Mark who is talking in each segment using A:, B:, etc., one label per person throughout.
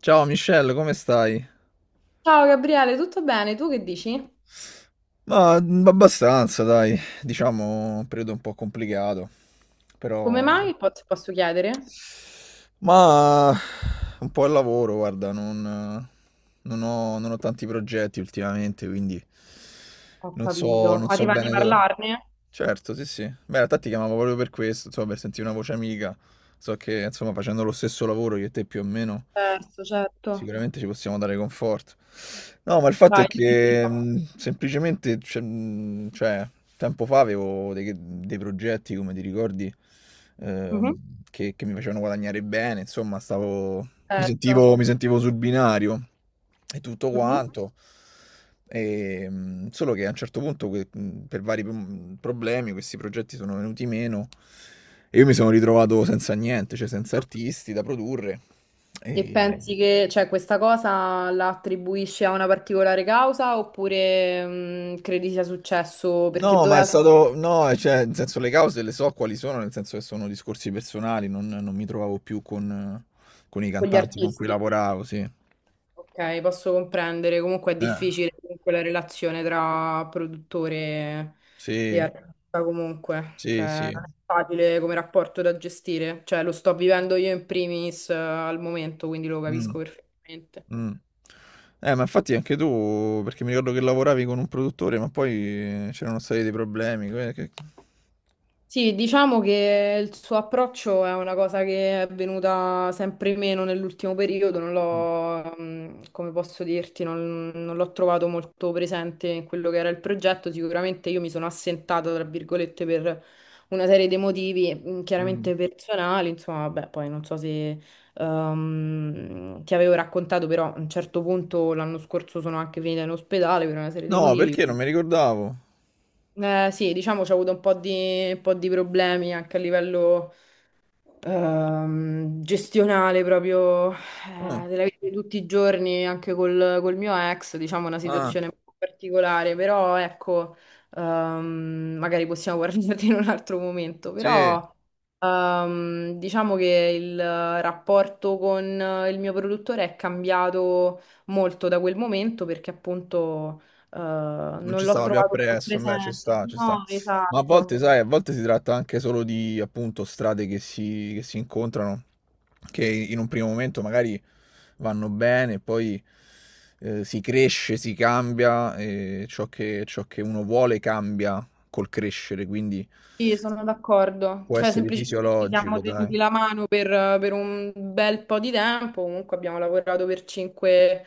A: Ciao Michelle, come stai?
B: Ciao Gabriele, tutto bene? Tu che dici?
A: Ma abbastanza, dai, diciamo un periodo un po' complicato,
B: Come
A: però...
B: mai? Po- se Posso chiedere?
A: Ma un po' il lavoro, guarda, non ho, non ho tanti progetti ultimamente, quindi
B: Ho
A: non so,
B: capito.
A: non
B: Ma ti
A: so
B: va di
A: bene dove...
B: parlarne?
A: Certo, sì, sì. Beh, in realtà ti chiamavo proprio per questo, insomma, per sentire una voce amica. So che, insomma, facendo lo stesso lavoro io e te più o meno,
B: Certo, certo.
A: sicuramente ci possiamo dare conforto. No, ma il fatto è
B: Vai, dimmi
A: che
B: tutto.
A: semplicemente, cioè, tempo fa avevo dei progetti, come ti ricordi, ehm,
B: Mhm,
A: che mi facevano guadagnare bene, insomma, stavo,
B: certo.
A: mi sentivo sul binario e tutto
B: Mhm.
A: quanto. Solo che a un certo punto, per vari problemi, questi progetti sono venuti meno e io mi sono ritrovato senza niente, cioè senza artisti da produrre.
B: E
A: E-
B: pensi che, cioè, questa cosa la attribuisci a una particolare causa oppure credi sia successo perché
A: No, ma è
B: doveva
A: stato, no, cioè, nel senso le cause le so quali sono, nel senso che sono discorsi personali, non mi trovavo più con i
B: con gli
A: cantanti con cui
B: artisti?
A: lavoravo, sì.
B: Ok, posso comprendere. Comunque è
A: Eh,
B: difficile comunque la relazione tra produttore e
A: sì,
B: artista comunque. Cioè,
A: sì, sì.
B: non è facile come rapporto da gestire. Cioè, lo sto vivendo io in primis al momento, quindi lo
A: Mm.
B: capisco perfettamente.
A: Mh. Ma infatti anche tu, perché mi ricordo che lavoravi con un produttore, ma poi c'erano stati dei problemi, que che
B: Sì, diciamo che il suo approccio è una cosa che è venuta sempre meno nell'ultimo periodo, non
A: mh,
B: l'ho, come posso dirti, non l'ho trovato molto presente in quello che era il progetto. Sicuramente io mi sono assentata, tra virgolette, per una serie di motivi,
A: mh.
B: chiaramente personali, insomma, beh, poi non so se ti avevo raccontato, però a un certo punto l'anno scorso sono anche finita in ospedale per una serie di
A: No,
B: motivi.
A: perché non mi ricordavo.
B: Sì, diciamo, c'ho avuto un po' di problemi anche a livello, gestionale proprio
A: Ah,
B: della vita di tutti i giorni, anche col mio ex, diciamo una
A: ah,
B: situazione un po' particolare, però ecco, magari possiamo guardarti in un altro momento,
A: sì.
B: però diciamo che il rapporto con il mio produttore è cambiato molto da quel momento perché appunto
A: Non
B: non
A: ci
B: l'ho
A: stava più
B: trovato più
A: appresso, beh, ci
B: presente.
A: sta, ci sta.
B: No,
A: Ma a volte,
B: esatto.
A: sai, a volte si tratta anche solo di, appunto, strade che si incontrano, che in un primo momento magari vanno bene, poi si cresce, si cambia, e ciò che uno vuole cambia col crescere, quindi
B: Sì, sono d'accordo.
A: può
B: Cioè,
A: essere
B: semplicemente ci
A: fisiologico,
B: siamo
A: dai.
B: tenuti la mano per un bel po' di tempo. Comunque abbiamo lavorato per cinque,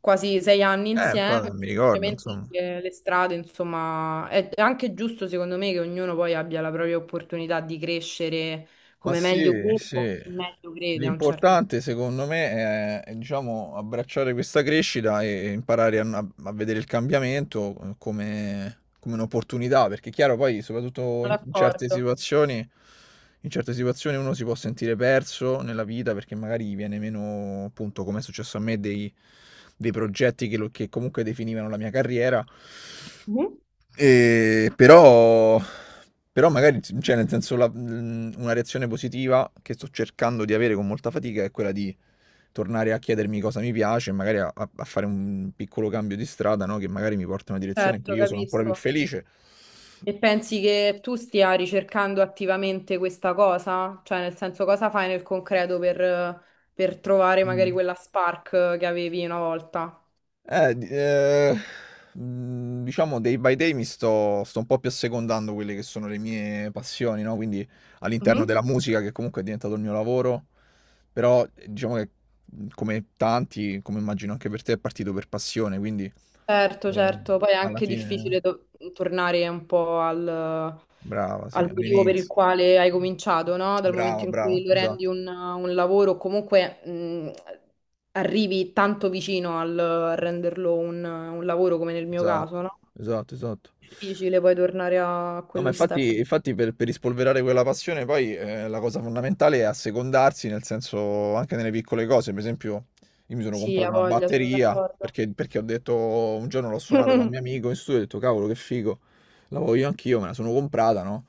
B: quasi sei anni insieme.
A: Infatti, non mi ricordo,
B: Semplicemente
A: insomma.
B: le strade, insomma, è anche giusto secondo me che ognuno poi abbia la propria opportunità di crescere
A: Ma
B: come meglio
A: sì,
B: crede o
A: sì.
B: chi meglio crede a un certo
A: L'importante secondo me è, diciamo, abbracciare questa crescita e imparare a vedere il cambiamento come un'opportunità, perché è chiaro poi,
B: punto.
A: soprattutto
B: Sono d'accordo.
A: in certe situazioni uno si può sentire perso nella vita perché magari gli viene meno, appunto, come è successo a me, dei, dei progetti che, che comunque definivano la mia carriera.
B: Mhm.
A: E però, però magari, cioè nel senso, una reazione positiva che sto cercando di avere con molta fatica è quella di tornare a chiedermi cosa mi piace e magari a fare un piccolo cambio di strada, no? Che magari mi porta in una direzione in cui
B: Certo,
A: io sono ancora più
B: capisco.
A: felice.
B: E pensi che tu stia ricercando attivamente questa cosa? Cioè, nel senso, cosa fai nel concreto per trovare magari
A: Mm.
B: quella spark che avevi una volta?
A: Eh, di ehm, diciamo day by day mi sto un po' più assecondando quelle che sono le mie passioni, no, quindi all'interno della
B: Mhm.
A: musica che comunque è diventato il mio lavoro, però, diciamo che, come tanti, come immagino anche per te, è partito per passione, quindi,
B: Certo,
A: ehm,
B: certo, poi è
A: alla
B: anche
A: fine
B: difficile tornare un po' al,
A: brava, sì,
B: al motivo per il
A: all'iniz
B: quale hai cominciato, no? Dal
A: Brava,
B: momento in
A: brava,
B: cui lo rendi
A: esatto,
B: un lavoro, comunque arrivi tanto vicino al a renderlo un lavoro come nel mio
A: esatto,
B: caso, no?
A: esatto, esatto.
B: Difficile poi tornare a
A: No, ma
B: quello
A: infatti,
B: step.
A: infatti per rispolverare quella passione poi la cosa fondamentale è assecondarsi, nel senso anche nelle piccole cose. Per esempio, io mi sono
B: Sì,
A: comprato
B: ha
A: una
B: voglia, sono
A: batteria
B: d'accordo.
A: perché ho detto, un giorno l'ho suonata da un mio
B: Mhm.
A: amico in studio e ho detto, cavolo, che figo, la voglio anch'io, me la sono comprata, no?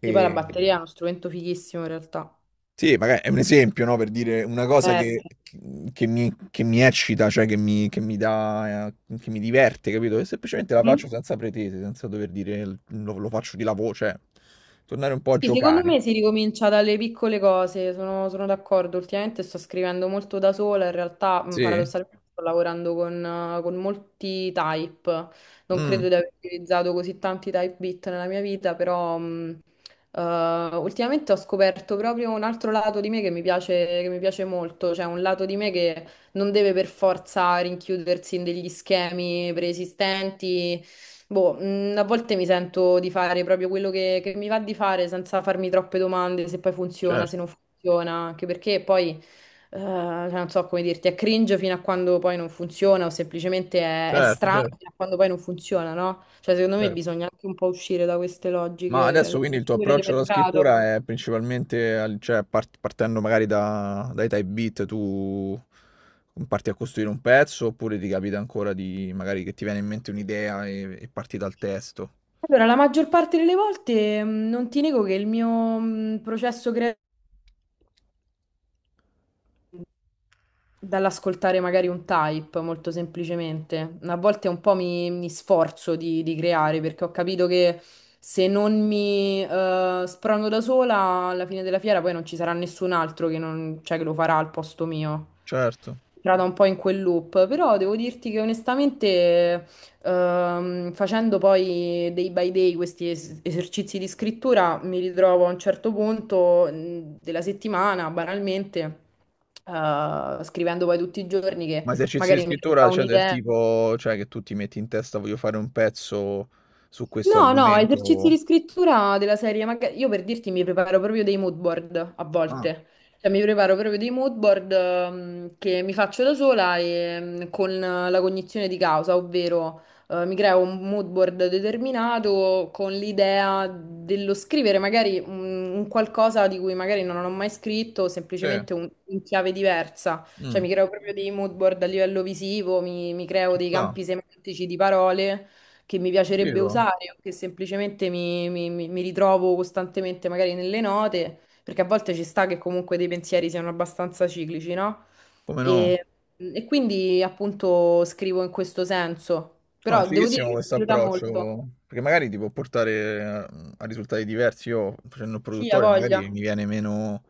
B: Sì, poi la batteria è uno strumento fighissimo in realtà.
A: sì, magari è un esempio, no, per dire una cosa
B: Certo.
A: che mi eccita, che mi dà, che mi diverte, capito? E semplicemente la faccio
B: Mhm.
A: senza pretese, senza dover dire lo faccio di lavoro, cioè tornare un po' a
B: Sì, secondo
A: giocare.
B: me si ricomincia dalle piccole cose, sono d'accordo. Ultimamente sto scrivendo molto da sola, in realtà
A: Sì,
B: paradossalmente sto lavorando con molti type. Non credo
A: mm,
B: di aver utilizzato così tanti type bit nella mia vita, però ultimamente ho scoperto proprio un altro lato di me che mi piace molto, cioè un lato di me che non deve per forza rinchiudersi in degli schemi preesistenti. Boh, a volte mi sento di fare proprio quello che mi va di fare senza farmi troppe domande, se poi funziona, se
A: certo,
B: non funziona, anche perché poi, cioè, non so come dirti, è cringe fino a quando poi non funziona o semplicemente è
A: certo,
B: strano
A: certo.
B: fino a quando poi non funziona, no? Cioè, secondo me
A: Certo.
B: bisogna anche un po' uscire da queste
A: Ma
B: logiche,
A: adesso quindi il tuo
B: soprattutto di
A: approccio alla
B: mercato.
A: scrittura è principalmente, cioè partendo magari dai type beat, tu parti a costruire un pezzo oppure ti capita ancora di magari che ti viene in mente un'idea e parti dal testo?
B: Allora, la maggior parte delle volte non ti nego che il mio processo creativo dall'ascoltare magari un type, molto semplicemente. A volte un po' mi sforzo di creare perché ho capito che se non mi sprono da sola, alla fine della fiera poi non ci sarà nessun altro che, cioè, che lo farà al posto mio
A: Certo.
B: entrata un po' in quel loop, però devo dirti che onestamente, facendo poi day by day questi esercizi di scrittura, mi ritrovo a un certo punto della settimana, banalmente, scrivendo poi tutti i giorni che
A: Ma esercizi di
B: magari mi arriva
A: scrittura, cioè del
B: un'idea.
A: tipo, cioè che tu ti metti in testa voglio fare un pezzo su questo
B: No, no, esercizi di
A: argomento.
B: scrittura della serie. Io per dirti mi preparo proprio dei mood board a
A: Ah,
B: volte. Cioè, mi preparo proprio dei mood board che mi faccio da sola e con la cognizione di causa, ovvero mi creo un mood board determinato con l'idea dello scrivere magari un qualcosa di cui magari non ho mai scritto,
A: sì.
B: semplicemente in chiave diversa. Cioè,
A: Mm,
B: mi creo proprio dei mood board a livello visivo, mi- creo
A: ci
B: dei
A: sta.
B: campi semantici di parole che mi piacerebbe
A: Vivo.
B: usare o che semplicemente mi ritrovo costantemente magari nelle note, perché a volte ci sta che comunque dei pensieri siano abbastanza ciclici, no?
A: Come no?
B: E, e quindi appunto scrivo in questo senso,
A: No, è
B: però devo dire
A: fighissimo
B: che mi
A: questo
B: aiuta
A: approccio,
B: molto.
A: perché magari ti può portare a risultati diversi. Io facendo il
B: Sì, ha
A: produttore magari
B: voglia.
A: mi viene meno,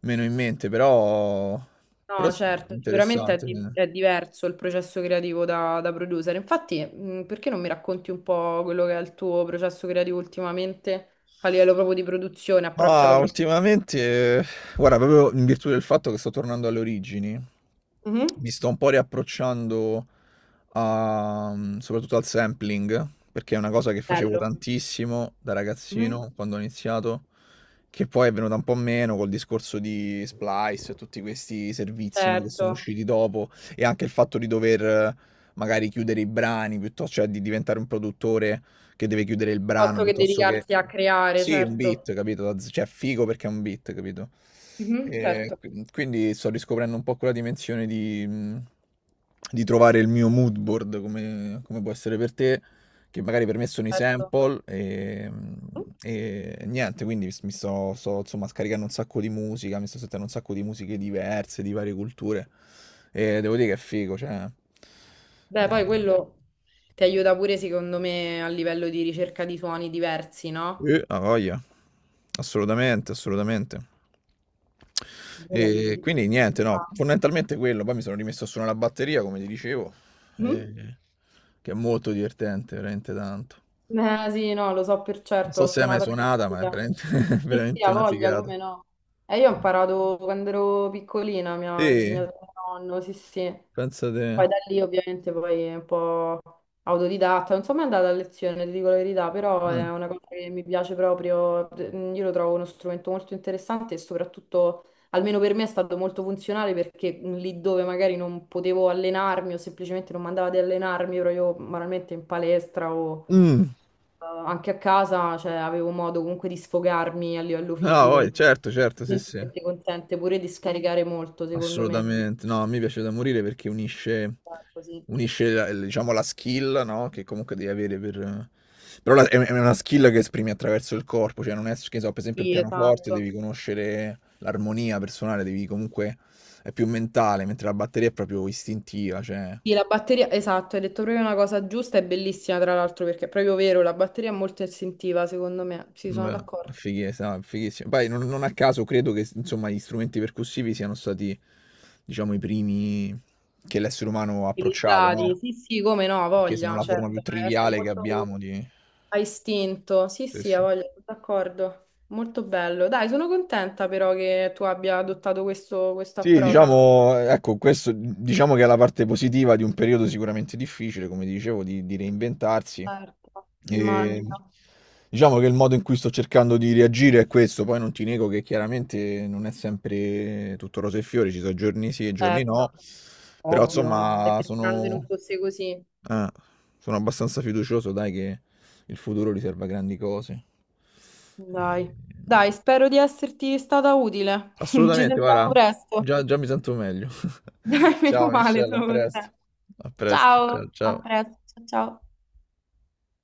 A: meno in mente, però, però
B: No,
A: sì, è
B: certo, sicuramente è,
A: interessante.
B: di- è diverso il processo creativo da producer. Infatti, perché non mi racconti un po' quello che è il tuo processo creativo ultimamente a livello proprio di produzione, approccio alla
A: Ma
B: produzione?
A: ultimamente, guarda, proprio in virtù del fatto che sto tornando alle origini,
B: Mhm.
A: mi sto un po' riapprocciando. Soprattutto al sampling, perché è una cosa che facevo
B: Bello.
A: tantissimo da
B: Mhm.
A: ragazzino quando ho iniziato, che poi è venuta un po' meno col discorso di Splice e tutti questi servizi, no, che sono
B: Certo,
A: usciti dopo, e anche il fatto di dover magari chiudere i brani piuttosto cioè di diventare un produttore che deve chiudere il brano
B: piuttosto che
A: piuttosto che...
B: dedicarsi a creare,
A: Sì, un
B: certo.
A: beat, capito? Cioè, figo perché è un beat, capito?
B: Mhm,
A: E
B: certo.
A: quindi sto riscoprendo un po' quella dimensione di trovare il mio mood board, come può essere per te, che magari per me sono i
B: Certo.
A: sample
B: Mhm.
A: e niente, quindi mi sto, insomma, scaricando un sacco di musica, mi sto sentendo un sacco di musiche diverse, di varie culture, e devo dire che è figo, cioè...
B: Beh,
A: eh.
B: poi quello ti aiuta pure, secondo me, a livello di ricerca di suoni diversi, no?
A: Ha voglia. Assolutamente, assolutamente.
B: Quello aiuta
A: E
B: sicuramente
A: quindi niente,
B: un
A: no,
B: sacco.
A: fondamentalmente quello. Poi mi sono rimesso a suonare la batteria, come ti dicevo,
B: Mhm.
A: eh, che è molto divertente, veramente tanto.
B: Sì, no, lo so per
A: Non
B: certo,
A: so
B: ho
A: se hai mai
B: suonato a
A: suonata, ma è
B: cattedra.
A: veramente,
B: Sì, sì,
A: veramente
B: ha
A: una
B: voglia,
A: figata.
B: come no? E io ho imparato quando ero piccolina, mi ha
A: Sì,
B: insegnato mio nonno, sì, sì.
A: pensa te.
B: Poi da lì ovviamente poi è un po' autodidatta, non sono mai andata a lezione, ti dico la verità, però
A: Ah.
B: è una cosa che mi piace proprio. Io lo trovo uno strumento molto interessante e soprattutto, almeno per me, è stato molto funzionale perché lì dove magari non potevo allenarmi o semplicemente non mandava di allenarmi, ero io banalmente in palestra o
A: Mm.
B: anche a casa, cioè, avevo modo comunque di sfogarmi a livello
A: Ah,
B: fisico,
A: poi, certo, certo, sì, sì.
B: perché ti consente pure di scaricare molto, secondo me.
A: Assolutamente. No, a me piace da morire perché unisce,
B: Esatto, sì.
A: unisce la, diciamo, la skill, no? Che comunque devi avere per... Però è una skill che esprimi attraverso il corpo, cioè non è, che so, per esempio il
B: Sì,
A: pianoforte,
B: esatto.
A: devi conoscere l'armonia personale, devi comunque... è più mentale, mentre la batteria è proprio istintiva, cioè...
B: Sì, la batteria, esatto, hai detto proprio una cosa giusta, è bellissima tra l'altro perché è proprio vero, la batteria è molto istintiva, secondo me, sì, sono
A: Beh, è
B: d'accordo.
A: fighissimo, no, è fighissimo. Poi non a caso credo che insomma gli strumenti percussivi siano stati, diciamo, i primi che l'essere umano ha approcciato, no?
B: Utilizzati, sì, sì, come no, ha
A: Perché sono
B: voglia,
A: la forma più
B: certo, ma è perché è
A: triviale che
B: molto
A: abbiamo di...
B: a istinto, sì,
A: Sì,
B: sì, ha
A: sì.
B: voglia, sono d'accordo, molto bello. Dai, sono contenta però che tu abbia adottato questo
A: Sì,
B: approccio.
A: diciamo, ecco, questo diciamo che è la parte positiva di un periodo sicuramente difficile, come dicevo, di reinventarsi.
B: Certo,
A: E
B: immagino,
A: diciamo che il modo in cui sto cercando di reagire è questo, poi non ti nego che chiaramente non è sempre tutto rose e fiori, ci sono giorni sì e giorni
B: certo,
A: no, però
B: ovvio, ma
A: insomma
B: sarebbe strano se non
A: sono,
B: fosse così.
A: eh, sono abbastanza fiducioso, dai, che il futuro riserva grandi cose. E-
B: Dai, dai, spero di esserti stata utile. Ci
A: Assolutamente,
B: sentiamo
A: guarda,
B: presto.
A: già, già mi sento meglio.
B: Dai, meno
A: Ciao
B: male,
A: Michelle, a
B: sono
A: presto.
B: contenta.
A: A presto, ciao
B: Ciao, a
A: ciao.
B: presto, ciao. Ciao.